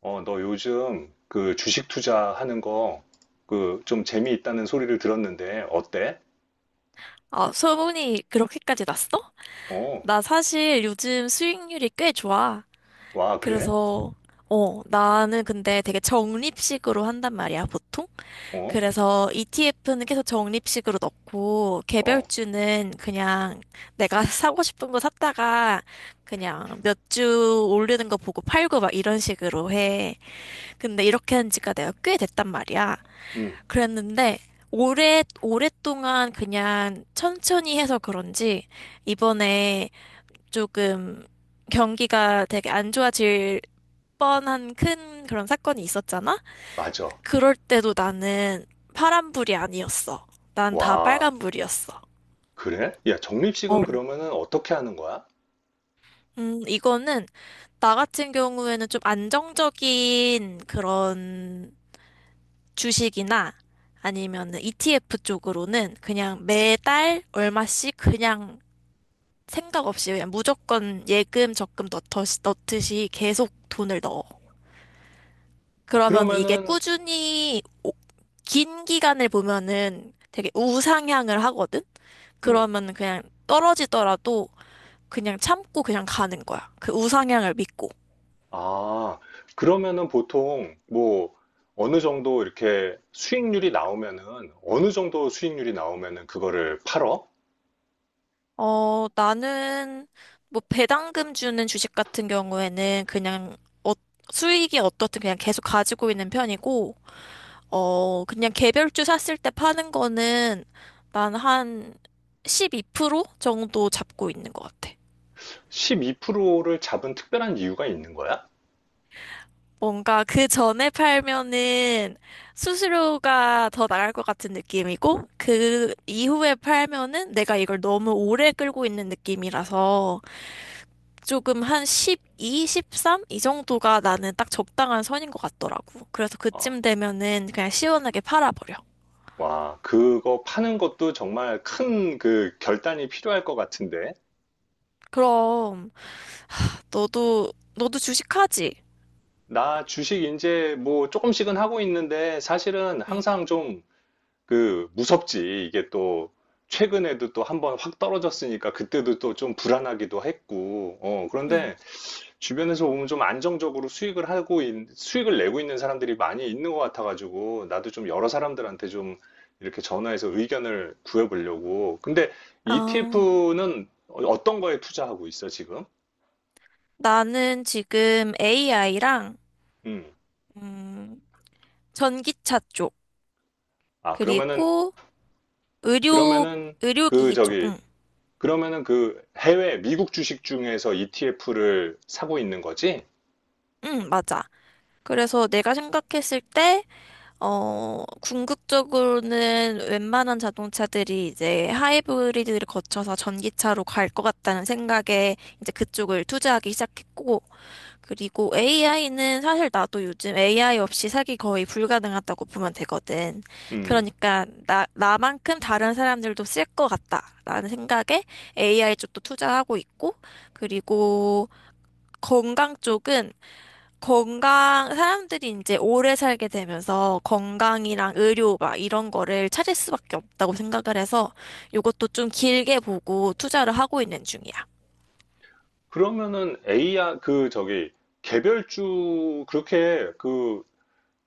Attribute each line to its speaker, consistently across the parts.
Speaker 1: 너 요즘 그 주식 투자하는 거 그 좀 재미있다는 소리를 들었는데 어때?
Speaker 2: 아, 소문이 그렇게까지 났어?
Speaker 1: 어,
Speaker 2: 나 사실 요즘 수익률이 꽤 좋아.
Speaker 1: 와, 그래?
Speaker 2: 그래서, 나는 근데 되게 적립식으로 한단 말이야, 보통.
Speaker 1: 어,
Speaker 2: 그래서 ETF는 계속 적립식으로 넣고,
Speaker 1: 어,
Speaker 2: 개별주는 그냥 내가 사고 싶은 거 샀다가, 그냥 몇 주 오르는 거 보고 팔고 막 이런 식으로 해. 근데 이렇게 한 지가 내가 꽤 됐단 말이야.
Speaker 1: 음,
Speaker 2: 그랬는데 오래 오랫동안 그냥 천천히 해서 그런지 이번에 조금 경기가 되게 안 좋아질 뻔한 큰 그런 사건이 있었잖아?
Speaker 1: 맞아.
Speaker 2: 그럴 때도 나는 파란불이 아니었어. 난 다
Speaker 1: 와,
Speaker 2: 빨간불이었어.
Speaker 1: 그래? 야,
Speaker 2: 어,
Speaker 1: 적립식은 그러면은 어떻게 하는 거야?
Speaker 2: 이거는 나 같은 경우에는 좀 안정적인 그런 주식이나 아니면은 ETF 쪽으로는 그냥 매달 얼마씩 그냥 생각 없이 그냥 무조건 예금, 적금 넣듯이 계속 돈을 넣어. 그러면 이게
Speaker 1: 그러면은,
Speaker 2: 긴 기간을 보면은 되게 우상향을 하거든?
Speaker 1: 음,
Speaker 2: 그러면 그냥 떨어지더라도 그냥 참고 그냥 가는 거야. 그 우상향을 믿고.
Speaker 1: 아, 그러면은 보통 뭐 어느 정도 이렇게 수익률이 나오면은 어느 정도 수익률이 나오면은 그거를 팔어?
Speaker 2: 어, 나는 뭐 배당금 주는 주식 같은 경우에는 어, 수익이 어떻든 그냥 계속 가지고 있는 편이고, 어, 그냥 개별주 샀을 때 파는 거는 난 한 12% 정도 잡고 있는 것 같아.
Speaker 1: 12%를 잡은 특별한 이유가 있는 거야?
Speaker 2: 뭔가 그 전에 팔면은 수수료가 더 나갈 것 같은 느낌이고, 그 이후에 팔면은 내가 이걸 너무 오래 끌고 있는 느낌이라서 조금 한 12, 13? 이 정도가 나는 딱 적당한 선인 것 같더라고. 그래서
Speaker 1: 어.
Speaker 2: 그쯤 되면은 그냥 시원하게 팔아버려.
Speaker 1: 와, 그거 파는 것도 정말 큰 그 결단이 필요할 것 같은데.
Speaker 2: 그럼 너도 주식하지?
Speaker 1: 나 주식 이제 뭐 조금씩은 하고 있는데 사실은
Speaker 2: 응.
Speaker 1: 항상 좀 그 무섭지. 이게 또 최근에도 또 한번 확 떨어졌으니까 그때도 또 좀 불안하기도 했고. 어,
Speaker 2: 응.
Speaker 1: 그런데 주변에서 보면 좀 안정적으로 수익을 내고 있는 사람들이 많이 있는 것 같아가지고 나도 좀 여러 사람들한테 좀 이렇게 전화해서 의견을 구해보려고. 근데
Speaker 2: 아,
Speaker 1: ETF는 어떤 거에 투자하고 있어 지금?
Speaker 2: 나는 지금 AI랑,
Speaker 1: 음.
Speaker 2: 전기차 쪽,
Speaker 1: 아 그러면은
Speaker 2: 그리고 의료,
Speaker 1: 그러면은 그
Speaker 2: 의료기기 쪽,
Speaker 1: 저기
Speaker 2: 응,
Speaker 1: 그러면은 그 해외 미국 주식 중에서 ETF를 사고 있는 거지?
Speaker 2: 응, 맞아. 그래서 내가 생각했을 때, 어, 궁극적으로는 웬만한 자동차들이 이제 하이브리드를 거쳐서 전기차로 갈 것 같다는 생각에 이제 그쪽을 투자하기 시작했고, 그리고 AI는 사실 나도 요즘 AI 없이 살기 거의 불가능하다고 보면 되거든.
Speaker 1: 음.
Speaker 2: 그러니까 나만큼 다른 사람들도 쓸 것 같다라는 생각에 AI 쪽도 투자하고 있고, 그리고 건강 쪽은 건강, 사람들이 이제 오래 살게 되면서 건강이랑 의료 막 이런 거를 찾을 수밖에 없다고 생각을 해서 이것도 좀 길게 보고 투자를 하고 있는 중이야.
Speaker 1: 그러면은 a 그 저기 개별주 그렇게 그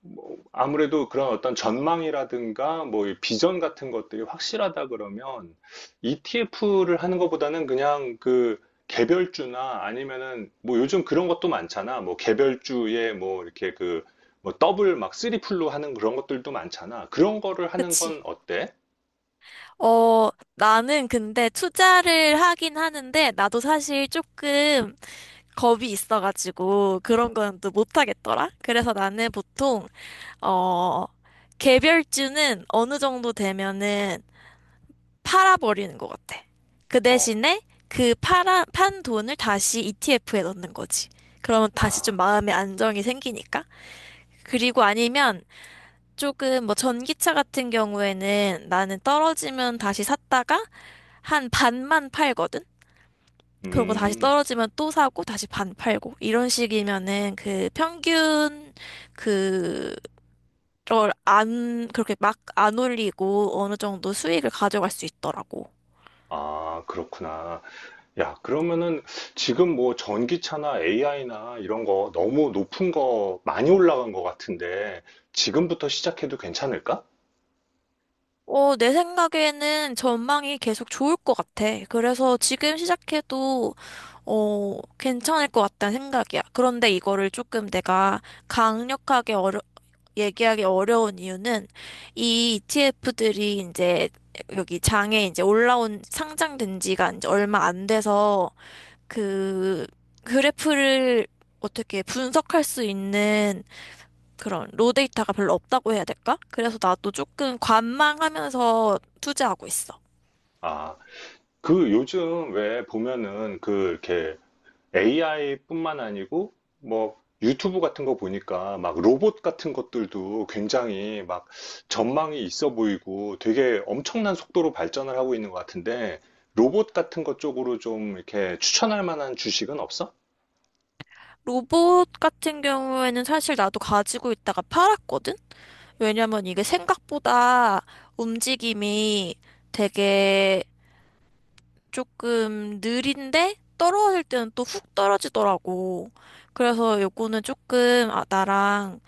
Speaker 1: 뭐 아무래도 그런 어떤 전망이라든가 뭐이 비전 같은 것들이 확실하다 그러면 ETF를 하는 것보다는 그냥 그 개별주나 아니면은 뭐 요즘 그런 것도 많잖아. 뭐 개별주에 뭐 이렇게 그 뭐 더블 막 쓰리풀로 하는 그런 것들도 많잖아. 그런 거를 하는
Speaker 2: 그치?
Speaker 1: 건 어때?
Speaker 2: 어, 나는 근데 투자를 하긴 하는데, 나도 사실 조금 겁이 있어가지고, 그런 건 또 못하겠더라? 그래서 나는 보통, 어, 개별주는 어느 정도 되면은 팔아버리는 것 같아. 그
Speaker 1: 어.
Speaker 2: 대신에 판 돈을 다시 ETF에 넣는 거지. 그러면 다시
Speaker 1: 아.
Speaker 2: 좀 마음의 안정이 생기니까. 그리고 아니면 조금 뭐 전기차 같은 경우에는 나는 떨어지면 다시 샀다가 한 반만 팔거든? 그러고 다시
Speaker 1: 음.
Speaker 2: 떨어지면 또 사고 다시 반 팔고 이런 식이면은 그 평균 그걸 안 그렇게 막 안 올리고 어느 정도 수익을 가져갈 수 있더라고.
Speaker 1: 아, 그렇구나. 야, 그러면은 지금 뭐 전기차나 AI나 이런 거 너무 높은 거 많이 올라간 것 같은데 지금부터 시작해도 괜찮을까?
Speaker 2: 어, 내 생각에는 전망이 계속 좋을 것 같아. 그래서 지금 시작해도 어, 괜찮을 것 같다는 생각이야. 그런데 이거를 조금 내가 강력하게 어려 얘기하기 어려운 이유는 이 ETF들이 이제 여기 장에 이제 올라온 상장된 지가 이제 얼마 안 돼서 그 그래프를 어떻게 분석할 수 있는 그런 로 데이터가 별로 없다고 해야 될까? 그래서 나도 조금 관망하면서 투자하고 있어.
Speaker 1: 아, 그 요즘 왜 보면은 그 이렇게 AI뿐만 아니고 뭐 유튜브 같은 거 보니까 막 로봇 같은 것들도 굉장히 막 전망이 있어 보이고 되게 엄청난 속도로 발전을 하고 있는 것 같은데 로봇 같은 것 쪽으로 좀 이렇게 추천할 만한 주식은 없어?
Speaker 2: 로봇 같은 경우에는 사실 나도 가지고 있다가 팔았거든? 왜냐면 이게 생각보다 움직임이 되게 조금 느린데 떨어질 때는 또 훅 떨어지더라고. 그래서 요거는 조금 아, 나랑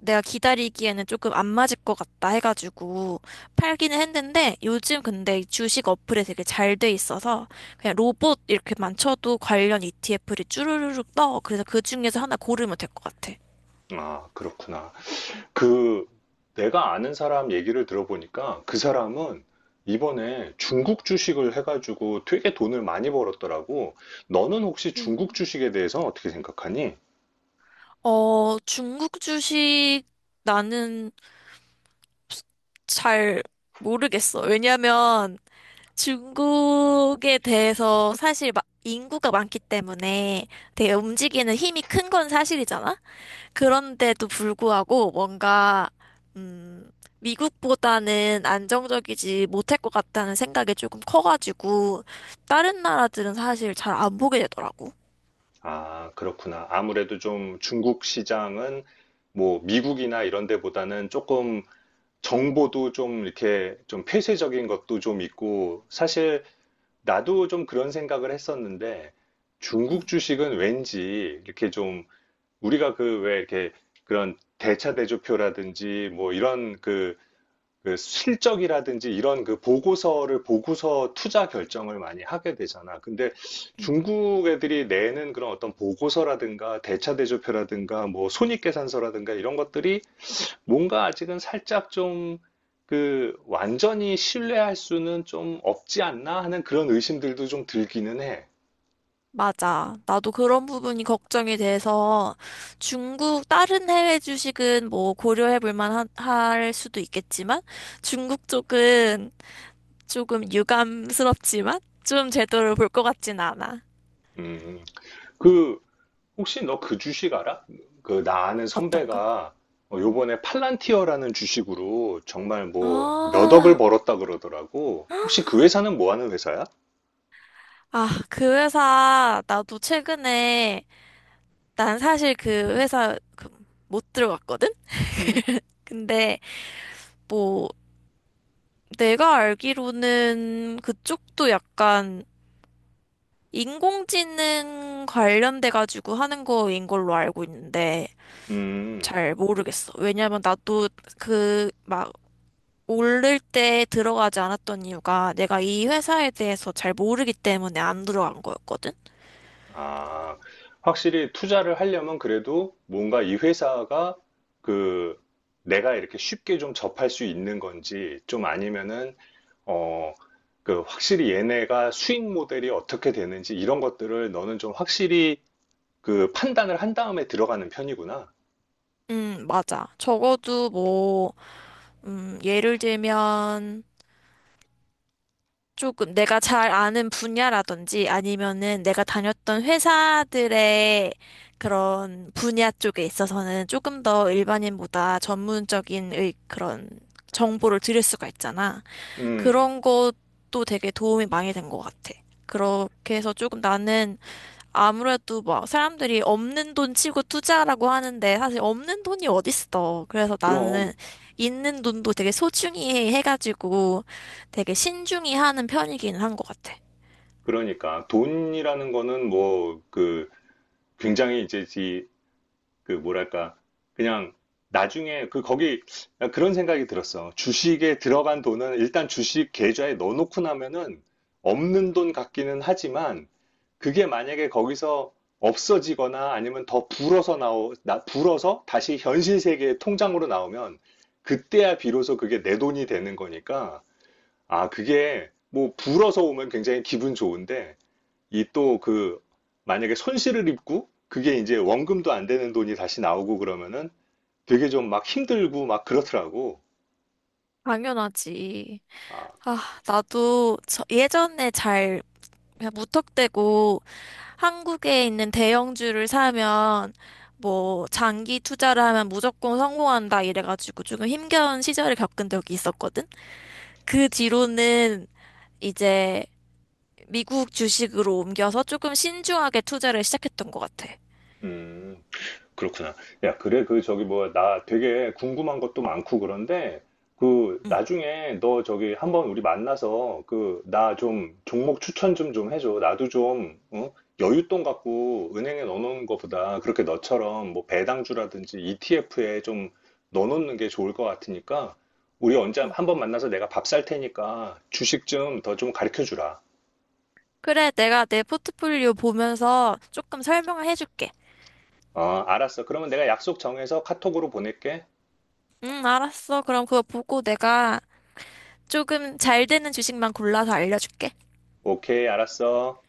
Speaker 2: 내가 기다리기에는 조금 안 맞을 것 같다 해가지고 팔기는 했는데 요즘 근데 이 주식 어플에 되게 잘 돼 있어서 그냥 로봇 이렇게만 쳐도 관련 ETF를 쭈루루룩 떠. 그래서 그 중에서 하나 고르면 될 것 같아.
Speaker 1: 아, 그렇구나. 그, 내가 아는 사람 얘기를 들어보니까 그 사람은 이번에 중국 주식을 해가지고 되게 돈을 많이 벌었더라고. 너는 혹시 중국
Speaker 2: 음.
Speaker 1: 주식에 대해서 어떻게 생각하니?
Speaker 2: 어, 중국 주식 나는 잘 모르겠어. 왜냐면 중국에 대해서 사실 막 인구가 많기 때문에 되게 움직이는 힘이 큰 건 사실이잖아? 그런데도 불구하고 음, 미국보다는 안정적이지 못할 것 같다는 생각이 조금 커가지고, 다른 나라들은 사실 잘 안 보게 되더라고.
Speaker 1: 아, 그렇구나. 아무래도 좀 중국 시장은 뭐 미국이나 이런 데보다는 조금 정보도 좀 이렇게 좀 폐쇄적인 것도 좀 있고 사실 나도 좀 그런 생각을 했었는데
Speaker 2: 응,
Speaker 1: 중국
Speaker 2: 응.
Speaker 1: 주식은 왠지 이렇게 좀 우리가 그 왜 이렇게 그런 대차대조표라든지 뭐 이런 그, 그 실적이라든지 이런 그 보고서를 보고서 투자 결정을 많이 하게 되잖아. 근데 중국 애들이 내는 그런 어떤 보고서라든가 대차대조표라든가 뭐 손익계산서라든가 이런 것들이 뭔가 아직은 살짝 좀 그 완전히 신뢰할 수는 좀 없지 않나 하는 그런 의심들도 좀 들기는 해.
Speaker 2: 맞아. 나도 그런 부분이 걱정이 돼서 중국 다른 해외 주식은 뭐 고려해 볼 만할 수도 있겠지만 중국 쪽은 조금 유감스럽지만 좀 제대로 볼 것 같진 않아.
Speaker 1: 음. 그 혹시 너 그 주식 알아? 그 나 아는
Speaker 2: 어떤 거?
Speaker 1: 선배가 어,
Speaker 2: 음.
Speaker 1: 요번에 팔란티어라는 주식으로 정말 뭐 몇 억을
Speaker 2: 아,
Speaker 1: 벌었다 그러더라고. 혹시 그 회사는 뭐 하는 회사야?
Speaker 2: 아, 그 회사 나도 최근에 난 사실 그 회사 그 못 들어갔거든?
Speaker 1: 음?
Speaker 2: 근데 뭐 내가 알기로는 그쪽도 약간 인공지능 관련돼 가지고 하는 거인 걸로 알고 있는데
Speaker 1: 음.
Speaker 2: 잘 모르겠어. 왜냐면 나도 그 막 오를 때 들어가지 않았던 이유가 내가 이 회사에 대해서 잘 모르기 때문에 안 들어간 거였거든.
Speaker 1: 아, 확실히 투자를 하려면 그래도 뭔가 이 회사가 그 내가 이렇게 쉽게 좀 접할 수 있는 건지 좀 아니면은 어, 그 확실히 얘네가 수익 모델이 어떻게 되는지 이런 것들을 너는 좀 확실히 그 판단을 한 다음에 들어가는 편이구나.
Speaker 2: 맞아. 예를 들면 조금 내가 잘 아는 분야라든지 아니면은 내가 다녔던 회사들의 그런 분야 쪽에 있어서는 조금 더 일반인보다 그런 정보를 드릴 수가 있잖아.
Speaker 1: 음,
Speaker 2: 그런 것도 되게 도움이 많이 된 것 같아. 그렇게 해서 조금 나는 아무래도 막 사람들이 없는 돈 치고 투자라고 하는데 사실 없는 돈이 어딨어. 그래서
Speaker 1: 그럼,
Speaker 2: 나는 있는 돈도 되게 소중히 해가지고 되게 신중히 하는 편이긴 한 것 같아.
Speaker 1: 그러니까. 돈이라는 거는 뭐, 그, 굉장히 이제, 이 그, 뭐랄까. 그냥, 나중에, 그, 거기, 그런 생각이 들었어. 주식에 들어간 돈은 일단 주식 계좌에 넣어놓고 나면은 없는 돈 같기는 하지만, 그게 만약에 거기서 없어지거나 아니면 더 불어서 불어서 다시 현실 세계의 통장으로 나오면, 그때야 비로소 그게 내 돈이 되는 거니까, 아, 그게 뭐 불어서 오면 굉장히 기분 좋은데 이 또 그 만약에 손실을 입고 그게 이제 원금도 안 되는 돈이 다시 나오고 그러면은 되게 좀 막 힘들고 막 그렇더라고.
Speaker 2: 당연하지.
Speaker 1: 아,
Speaker 2: 아, 나도 저 예전에 잘 그냥 무턱대고 한국에 있는 대형주를 사면 뭐 장기 투자를 하면 무조건 성공한다 이래가지고 조금 힘겨운 시절을 겪은 적이 있었거든. 그 뒤로는 이제 미국 주식으로 옮겨서 조금 신중하게 투자를 시작했던 것 같아.
Speaker 1: 음, 그렇구나. 야, 그래, 그, 저기, 뭐야, 나 되게 궁금한 것도 많고 그런데, 그,
Speaker 2: 응.
Speaker 1: 나중에 너 저기 한번 우리 만나서, 그, 나 좀 종목 추천 좀 해줘. 나도 좀, 어? 여윳돈 갖고 은행에 넣어놓는 것보다 그렇게 너처럼 뭐 배당주라든지 ETF에 좀 넣어놓는 게 좋을 것 같으니까, 우리 언제
Speaker 2: 응.
Speaker 1: 한번 만나서 내가 밥 살 테니까 주식 좀 더 좀 가르쳐 주라.
Speaker 2: 그래, 내가 내 포트폴리오 보면서 조금 설명을 해줄게.
Speaker 1: 어, 알았어. 그러면 내가 약속 정해서 카톡으로 보낼게.
Speaker 2: 응, 알았어. 그럼 그거 보고 내가 조금 잘 되는 주식만 골라서 알려줄게.
Speaker 1: 오케이, 알았어.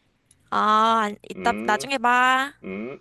Speaker 2: 이따,
Speaker 1: 음.
Speaker 2: 나중에 봐.
Speaker 1: 음.